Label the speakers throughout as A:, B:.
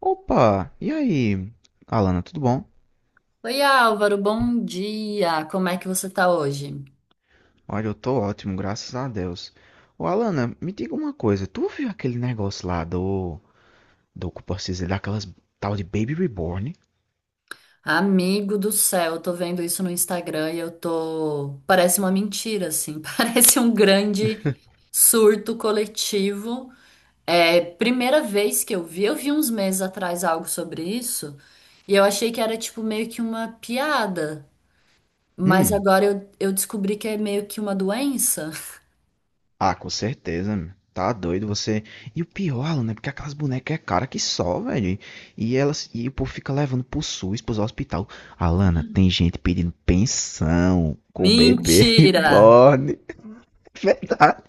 A: Opa, e aí, Alana, tudo bom?
B: Oi, Álvaro, bom dia. Como é que você tá hoje?
A: Olha, eu tô ótimo, graças a Deus. Ô, Alana, me diga uma coisa, tu viu aquele negócio lá como posso dizer, daquelas tal de Baby Reborn?
B: Amigo do céu, eu tô vendo isso no Instagram e eu tô. Parece uma mentira, assim. Parece um grande surto coletivo. É, primeira vez que eu vi uns meses atrás algo sobre isso e eu achei que era tipo meio que uma piada, mas
A: Hum,
B: agora eu descobri que é meio que uma doença.
A: ah, com certeza, meu. Tá doido você. E o pior, Alana, é porque aquelas bonecas é cara que só, velho. E elas, e o povo fica levando pro SUS, pros hospital. Alana, tem gente pedindo pensão com o bebê
B: Mentira!
A: reborn. Verdade,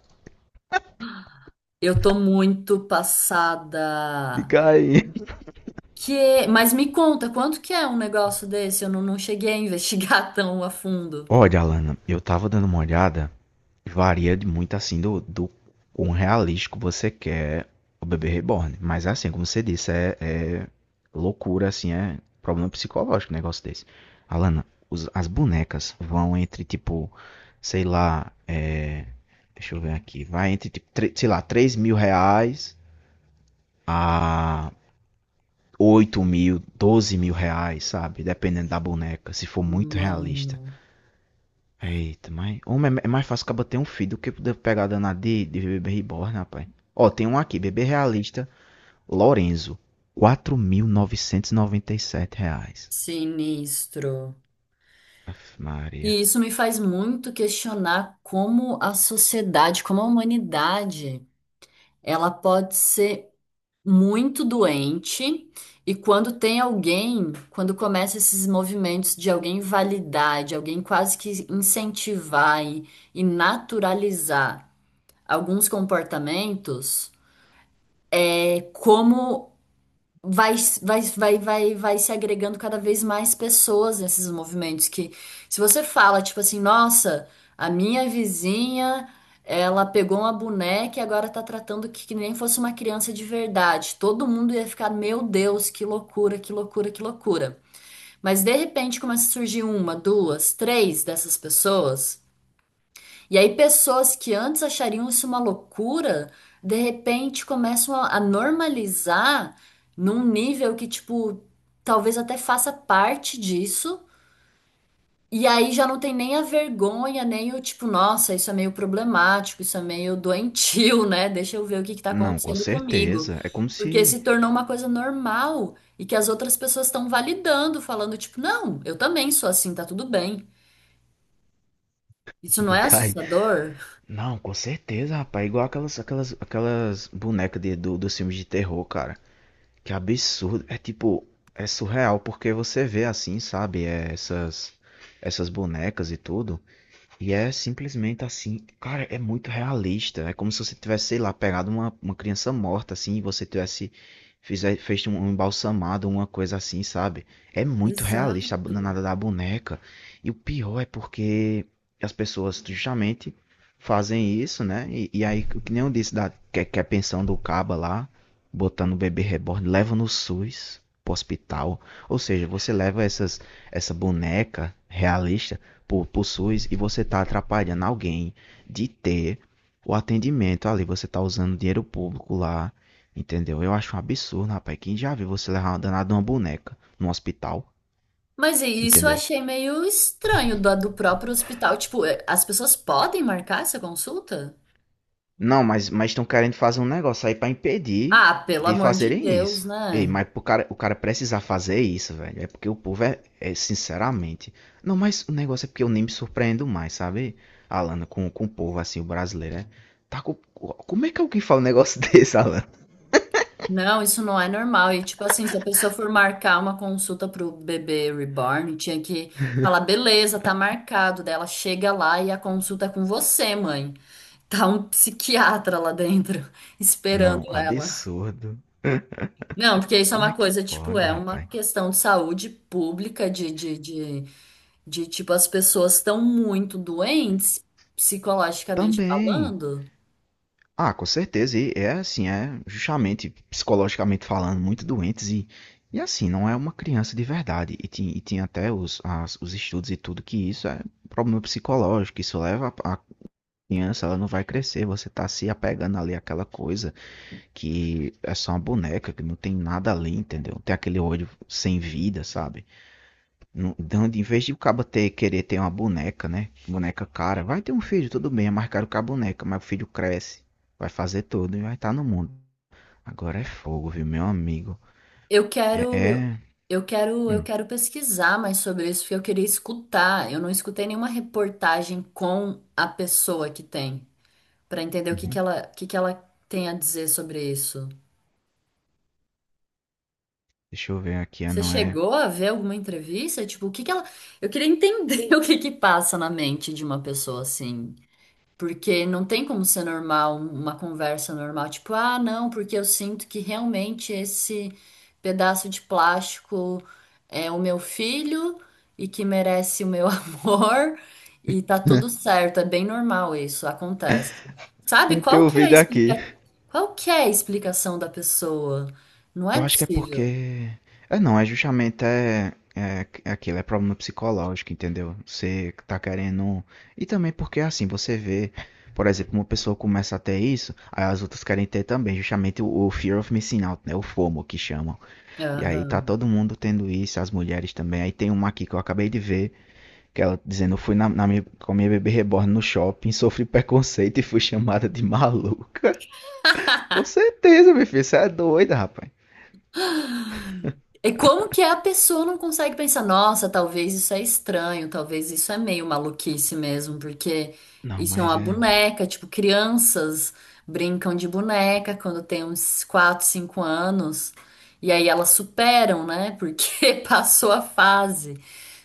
B: Eu tô muito passada.
A: fica aí.
B: Que, mas me conta, quanto que é um negócio desse? Eu não cheguei a investigar tão a fundo.
A: Olha, Alana, eu tava dando uma olhada, varia de muito assim do quão realístico você quer o bebê reborn. Mas assim, como você disse, é loucura, assim, é problema psicológico um negócio desse. Alana, as bonecas vão entre tipo, sei lá, deixa eu ver aqui, vai entre tipo, sei lá, R$ 3.000 a 8.000, R$ 12.000, sabe? Dependendo da boneca, se for muito realista.
B: Mano,
A: Eita, mas. Homem, é mais fácil acabar ter um filho do que poder pegar a danada de bebê reborn, rapaz. Ó, tem um aqui, bebê realista, Lorenzo. R$ 4.997.
B: sinistro.
A: Aff, Maria.
B: E isso me faz muito questionar como a sociedade, como a humanidade, ela pode ser muito doente. E quando tem alguém, quando começa esses movimentos de alguém validar, de alguém quase que incentivar e naturalizar alguns comportamentos, é como vai, vai, vai, vai, vai se agregando cada vez mais pessoas nesses movimentos que se você fala, tipo assim, nossa, a minha vizinha, ela pegou uma boneca e agora tá tratando que nem fosse uma criança de verdade. Todo mundo ia ficar, meu Deus, que loucura, que loucura, que loucura. Mas de repente começa a surgir uma, duas, três dessas pessoas e aí, pessoas que antes achariam isso uma loucura, de repente começam a normalizar num nível que, tipo, talvez até faça parte disso. E aí já não tem nem a vergonha, nem o tipo, nossa, isso é meio problemático, isso é meio doentio, né? Deixa eu ver o que que tá
A: Não, com
B: acontecendo comigo.
A: certeza. É como
B: Porque
A: se.
B: se tornou uma coisa normal e que as outras pessoas estão validando, falando, tipo, não, eu também sou assim, tá tudo bem. Isso não
A: De
B: é
A: cair.
B: assustador?
A: Não, com certeza, rapaz. É igual aquelas bonecas dos filmes de terror, cara. Que absurdo. É tipo. É surreal porque você vê assim, sabe? Essas bonecas e tudo. E é simplesmente assim, cara, é muito realista. É como se você tivesse, sei lá, pegado uma criança morta, assim, e você tivesse fez um embalsamado, uma coisa assim, sabe? É muito realista a
B: Exato.
A: nada da boneca. E o pior é porque as pessoas justamente fazem isso, né? Que nem eu disse, que é a pensão do Caba lá, botando o bebê reborn, leva no SUS pro hospital. Ou seja, você leva essa boneca realista por, e você está atrapalhando alguém de ter o atendimento ali. Você está usando dinheiro público lá, entendeu? Eu acho um absurdo, rapaz. Quem já viu você levar uma danada de uma boneca no hospital,
B: Mas isso eu
A: entendeu?
B: achei meio estranho do, do próprio hospital. Tipo, é, as pessoas podem marcar essa consulta?
A: Não, mas estão querendo fazer um negócio aí pra impedir
B: Ah, pelo
A: de
B: amor de
A: fazerem
B: Deus,
A: isso. Ei,
B: né?
A: o cara precisar fazer isso, velho, é porque o povo é sinceramente. Não, mas o negócio é porque eu nem me surpreendo mais, sabe, Alana, com o povo assim, o brasileiro, é. Tá com, como é que alguém fala um negócio desse, Alana?
B: Não, isso não é normal. E, tipo assim, se a pessoa for marcar uma consulta pro bebê reborn, tinha que falar, beleza, tá marcado. Daí ela chega lá e a consulta é com você, mãe. Tá um psiquiatra lá dentro, esperando
A: Não,
B: ela.
A: absurdo.
B: Não, porque isso é
A: Como é
B: uma
A: que
B: coisa, tipo,
A: pode,
B: é uma
A: rapaz?
B: questão de saúde pública, de tipo, as pessoas estão muito doentes, psicologicamente
A: Também.
B: falando.
A: Ah, com certeza. E é assim, é justamente psicologicamente falando, muito doentes e assim, não é uma criança de verdade. E tem até os estudos e tudo que isso é problema psicológico. Isso leva a criança, ela não vai crescer. Você tá se apegando ali àquela coisa que é só uma boneca, que não tem nada ali, entendeu? Tem aquele olho sem vida, sabe? Não, então, em vez de o cabo ter, querer ter uma boneca, né? Boneca cara, vai ter um filho, tudo bem, é mais caro que a boneca, mas o filho cresce, vai fazer tudo e vai estar no mundo. Agora é fogo, viu, meu amigo?
B: Eu
A: É.
B: quero, eu,
A: É...
B: eu
A: Hum,
B: quero pesquisar mais sobre isso, porque eu queria escutar. Eu não escutei nenhuma reportagem com a pessoa que tem, para entender o que que
A: uhum.
B: ela, o que que ela tem a dizer sobre isso.
A: Deixa eu ver aqui, ah,
B: Você
A: não é.
B: chegou a ver alguma entrevista? Tipo, o que que ela. Eu queria entender o que que passa na mente de uma pessoa assim. Porque não tem como ser normal, uma conversa normal, tipo, ah, não, porque eu sinto que realmente esse pedaço de plástico é o meu filho e que merece o meu amor e tá tudo certo, é bem normal isso, acontece. Sabe,
A: É
B: qual
A: teu
B: que é a
A: vídeo
B: explica...
A: aqui.
B: qual que é a explicação da pessoa? Não é
A: Eu acho que é
B: possível.
A: porque. É não, é justamente é, é, é aquilo, é problema psicológico, entendeu? Você tá querendo. E também porque assim, você vê, por exemplo, uma pessoa começa a ter isso, aí as outras querem ter também, justamente o Fear of Missing Out, né? O FOMO que chamam. E aí tá
B: Aham.
A: todo mundo tendo isso, as mulheres também. Aí tem uma aqui que eu acabei de ver, que ela dizendo, eu fui com a minha bebê reborn no shopping, sofri preconceito e fui chamada de maluca. Com certeza, meu filho, você é doida, rapaz.
B: E como que a pessoa não consegue pensar, nossa, talvez isso é estranho, talvez isso é meio maluquice mesmo, porque
A: Não,
B: isso é
A: mas
B: uma
A: é.
B: boneca, tipo, crianças brincam de boneca quando tem uns 4, 5 anos, e aí elas superam, né? Porque passou a fase.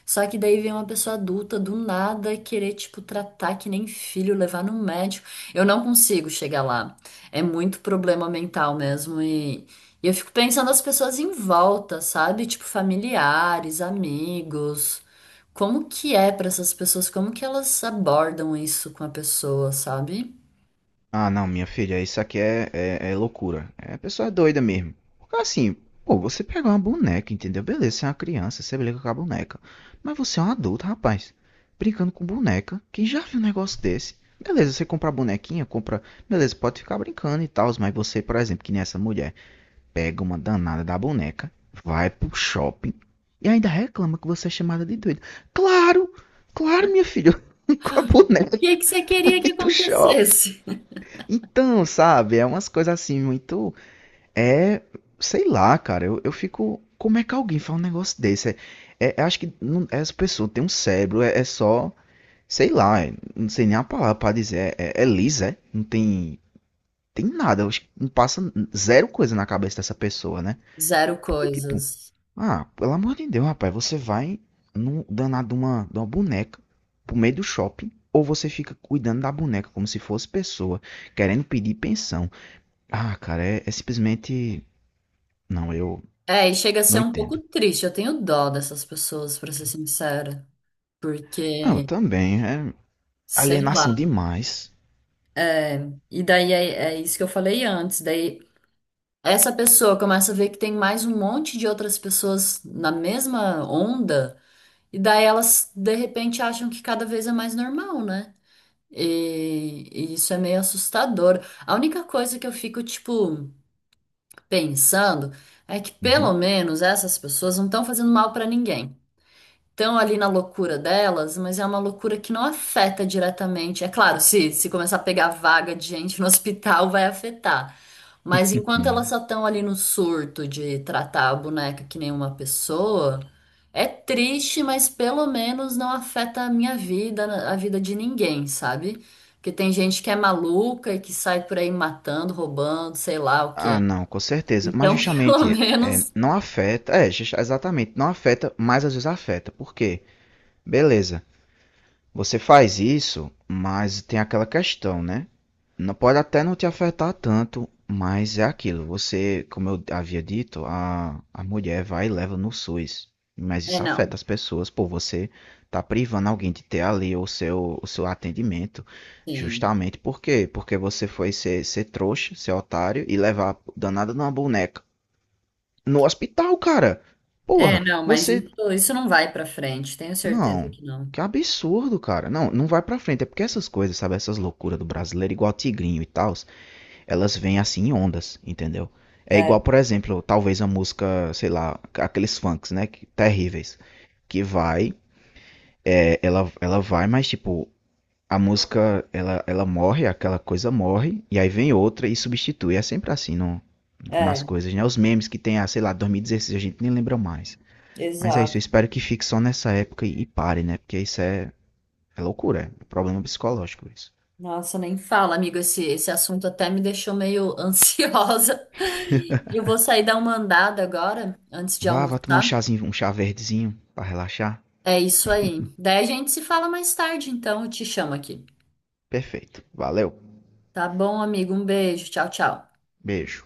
B: Só que daí vem uma pessoa adulta do nada querer, tipo, tratar que nem filho, levar no médico. Eu não consigo chegar lá. É muito problema mental mesmo. E eu fico pensando as pessoas em volta, sabe? Tipo, familiares, amigos. Como que é pra essas pessoas? Como que elas abordam isso com a pessoa, sabe?
A: Ah, não, minha filha, isso aqui é loucura. É a pessoa é doida mesmo. Porque assim, pô, você pegar uma boneca, entendeu? Beleza, você é uma criança, você brinca com a boneca. Mas você é um adulto, rapaz. Brincando com boneca, quem já viu um negócio desse? Beleza, você compra a bonequinha, compra. Beleza, pode ficar brincando e tal, mas você, por exemplo, que nem essa mulher, pega uma danada da boneca, vai pro shopping e ainda reclama que você é chamada de doida. Claro, claro, minha filha, com a
B: O
A: boneca
B: que que você queria
A: e
B: que
A: do shopping.
B: acontecesse?
A: Então, sabe, é umas coisas assim muito. É. Sei lá, cara, eu fico. Como é que alguém faz um negócio desse? Eu acho que não, essa pessoa tem um cérebro, é só. Sei lá, é- não sei nem a palavra pra dizer. Não tem. Tem nada, eu acho que não passa zero coisa na cabeça dessa pessoa, né?
B: Zero
A: Porque, tipo,
B: coisas.
A: ah, pelo amor de Deus, rapaz, você vai no danado de uma boneca pro meio do shopping, ou você fica cuidando da boneca como se fosse pessoa, querendo pedir pensão. Ah, cara, é, é simplesmente. Não, eu
B: É, e chega a ser
A: não
B: um pouco
A: entendo.
B: triste. Eu tenho dó dessas pessoas, pra ser sincera.
A: Ah, eu
B: Porque
A: também. É
B: Sei
A: alienação
B: lá.
A: demais.
B: E daí é, é isso que eu falei antes. Daí essa pessoa começa a ver que tem mais um monte de outras pessoas na mesma onda, e daí elas de repente acham que cada vez é mais normal, né? E isso é meio assustador. A única coisa que eu fico, tipo, pensando é que pelo
A: Uhum.
B: menos essas pessoas não estão fazendo mal pra ninguém. Estão ali na loucura delas, mas é uma loucura que não afeta diretamente. É claro, se começar a pegar vaga de gente no hospital, vai afetar. Mas enquanto elas só estão ali no surto de tratar a boneca que nem uma pessoa, é triste, mas pelo menos não afeta a minha vida, a vida de ninguém, sabe? Porque tem gente que é maluca e que sai por aí matando, roubando, sei lá o
A: Ah,
B: quê.
A: não, com certeza. Mas
B: Então, pelo
A: justamente é,
B: menos.
A: não afeta. É, ju- exatamente. Não afeta, mas às vezes afeta. Por quê? Beleza. Você faz isso, mas tem aquela questão, né? Não pode até não te afetar tanto, mas é aquilo. Você, como eu havia dito, a mulher vai e leva no SUS. Mas
B: É,
A: isso
B: não.
A: afeta as pessoas, pô, você tá privando alguém de ter ali o seu atendimento.
B: Sim.
A: Justamente por quê? Porque você foi ser trouxa, ser otário e levar a danada numa boneca. No hospital, cara.
B: É,
A: Porra,
B: não, mas
A: você
B: isso não vai pra frente, tenho certeza
A: não,
B: que não.
A: que absurdo, cara. Não, não vai pra frente. É porque essas coisas, sabe? Essas loucuras do brasileiro, igual Tigrinho e tal, elas vêm assim em ondas, entendeu? É
B: É,
A: igual, por exemplo, talvez a música, sei lá, aqueles funks, né? que- Terríveis. Que vai, é, ela vai, mas tipo, a música, ela morre, aquela coisa morre, e aí vem outra e substitui. É sempre assim no,
B: é,
A: nas coisas, né? Os memes que tem, ah, sei lá, 2016, a gente nem lembra mais. Mas é isso,
B: exato.
A: eu espero que fique só nessa época e pare, né? Porque é loucura, é um problema psicológico isso.
B: Nossa, nem fala, amigo, esse assunto até me deixou meio ansiosa. Eu vou sair dar uma andada agora, antes de
A: Vá, vá tomar um
B: almoçar.
A: chazinho, um chá verdezinho pra relaxar.
B: É isso aí. Daí a gente se fala mais tarde, então, eu te chamo aqui.
A: Perfeito. Valeu.
B: Tá bom, amigo? Um beijo. Tchau, tchau.
A: Beijo.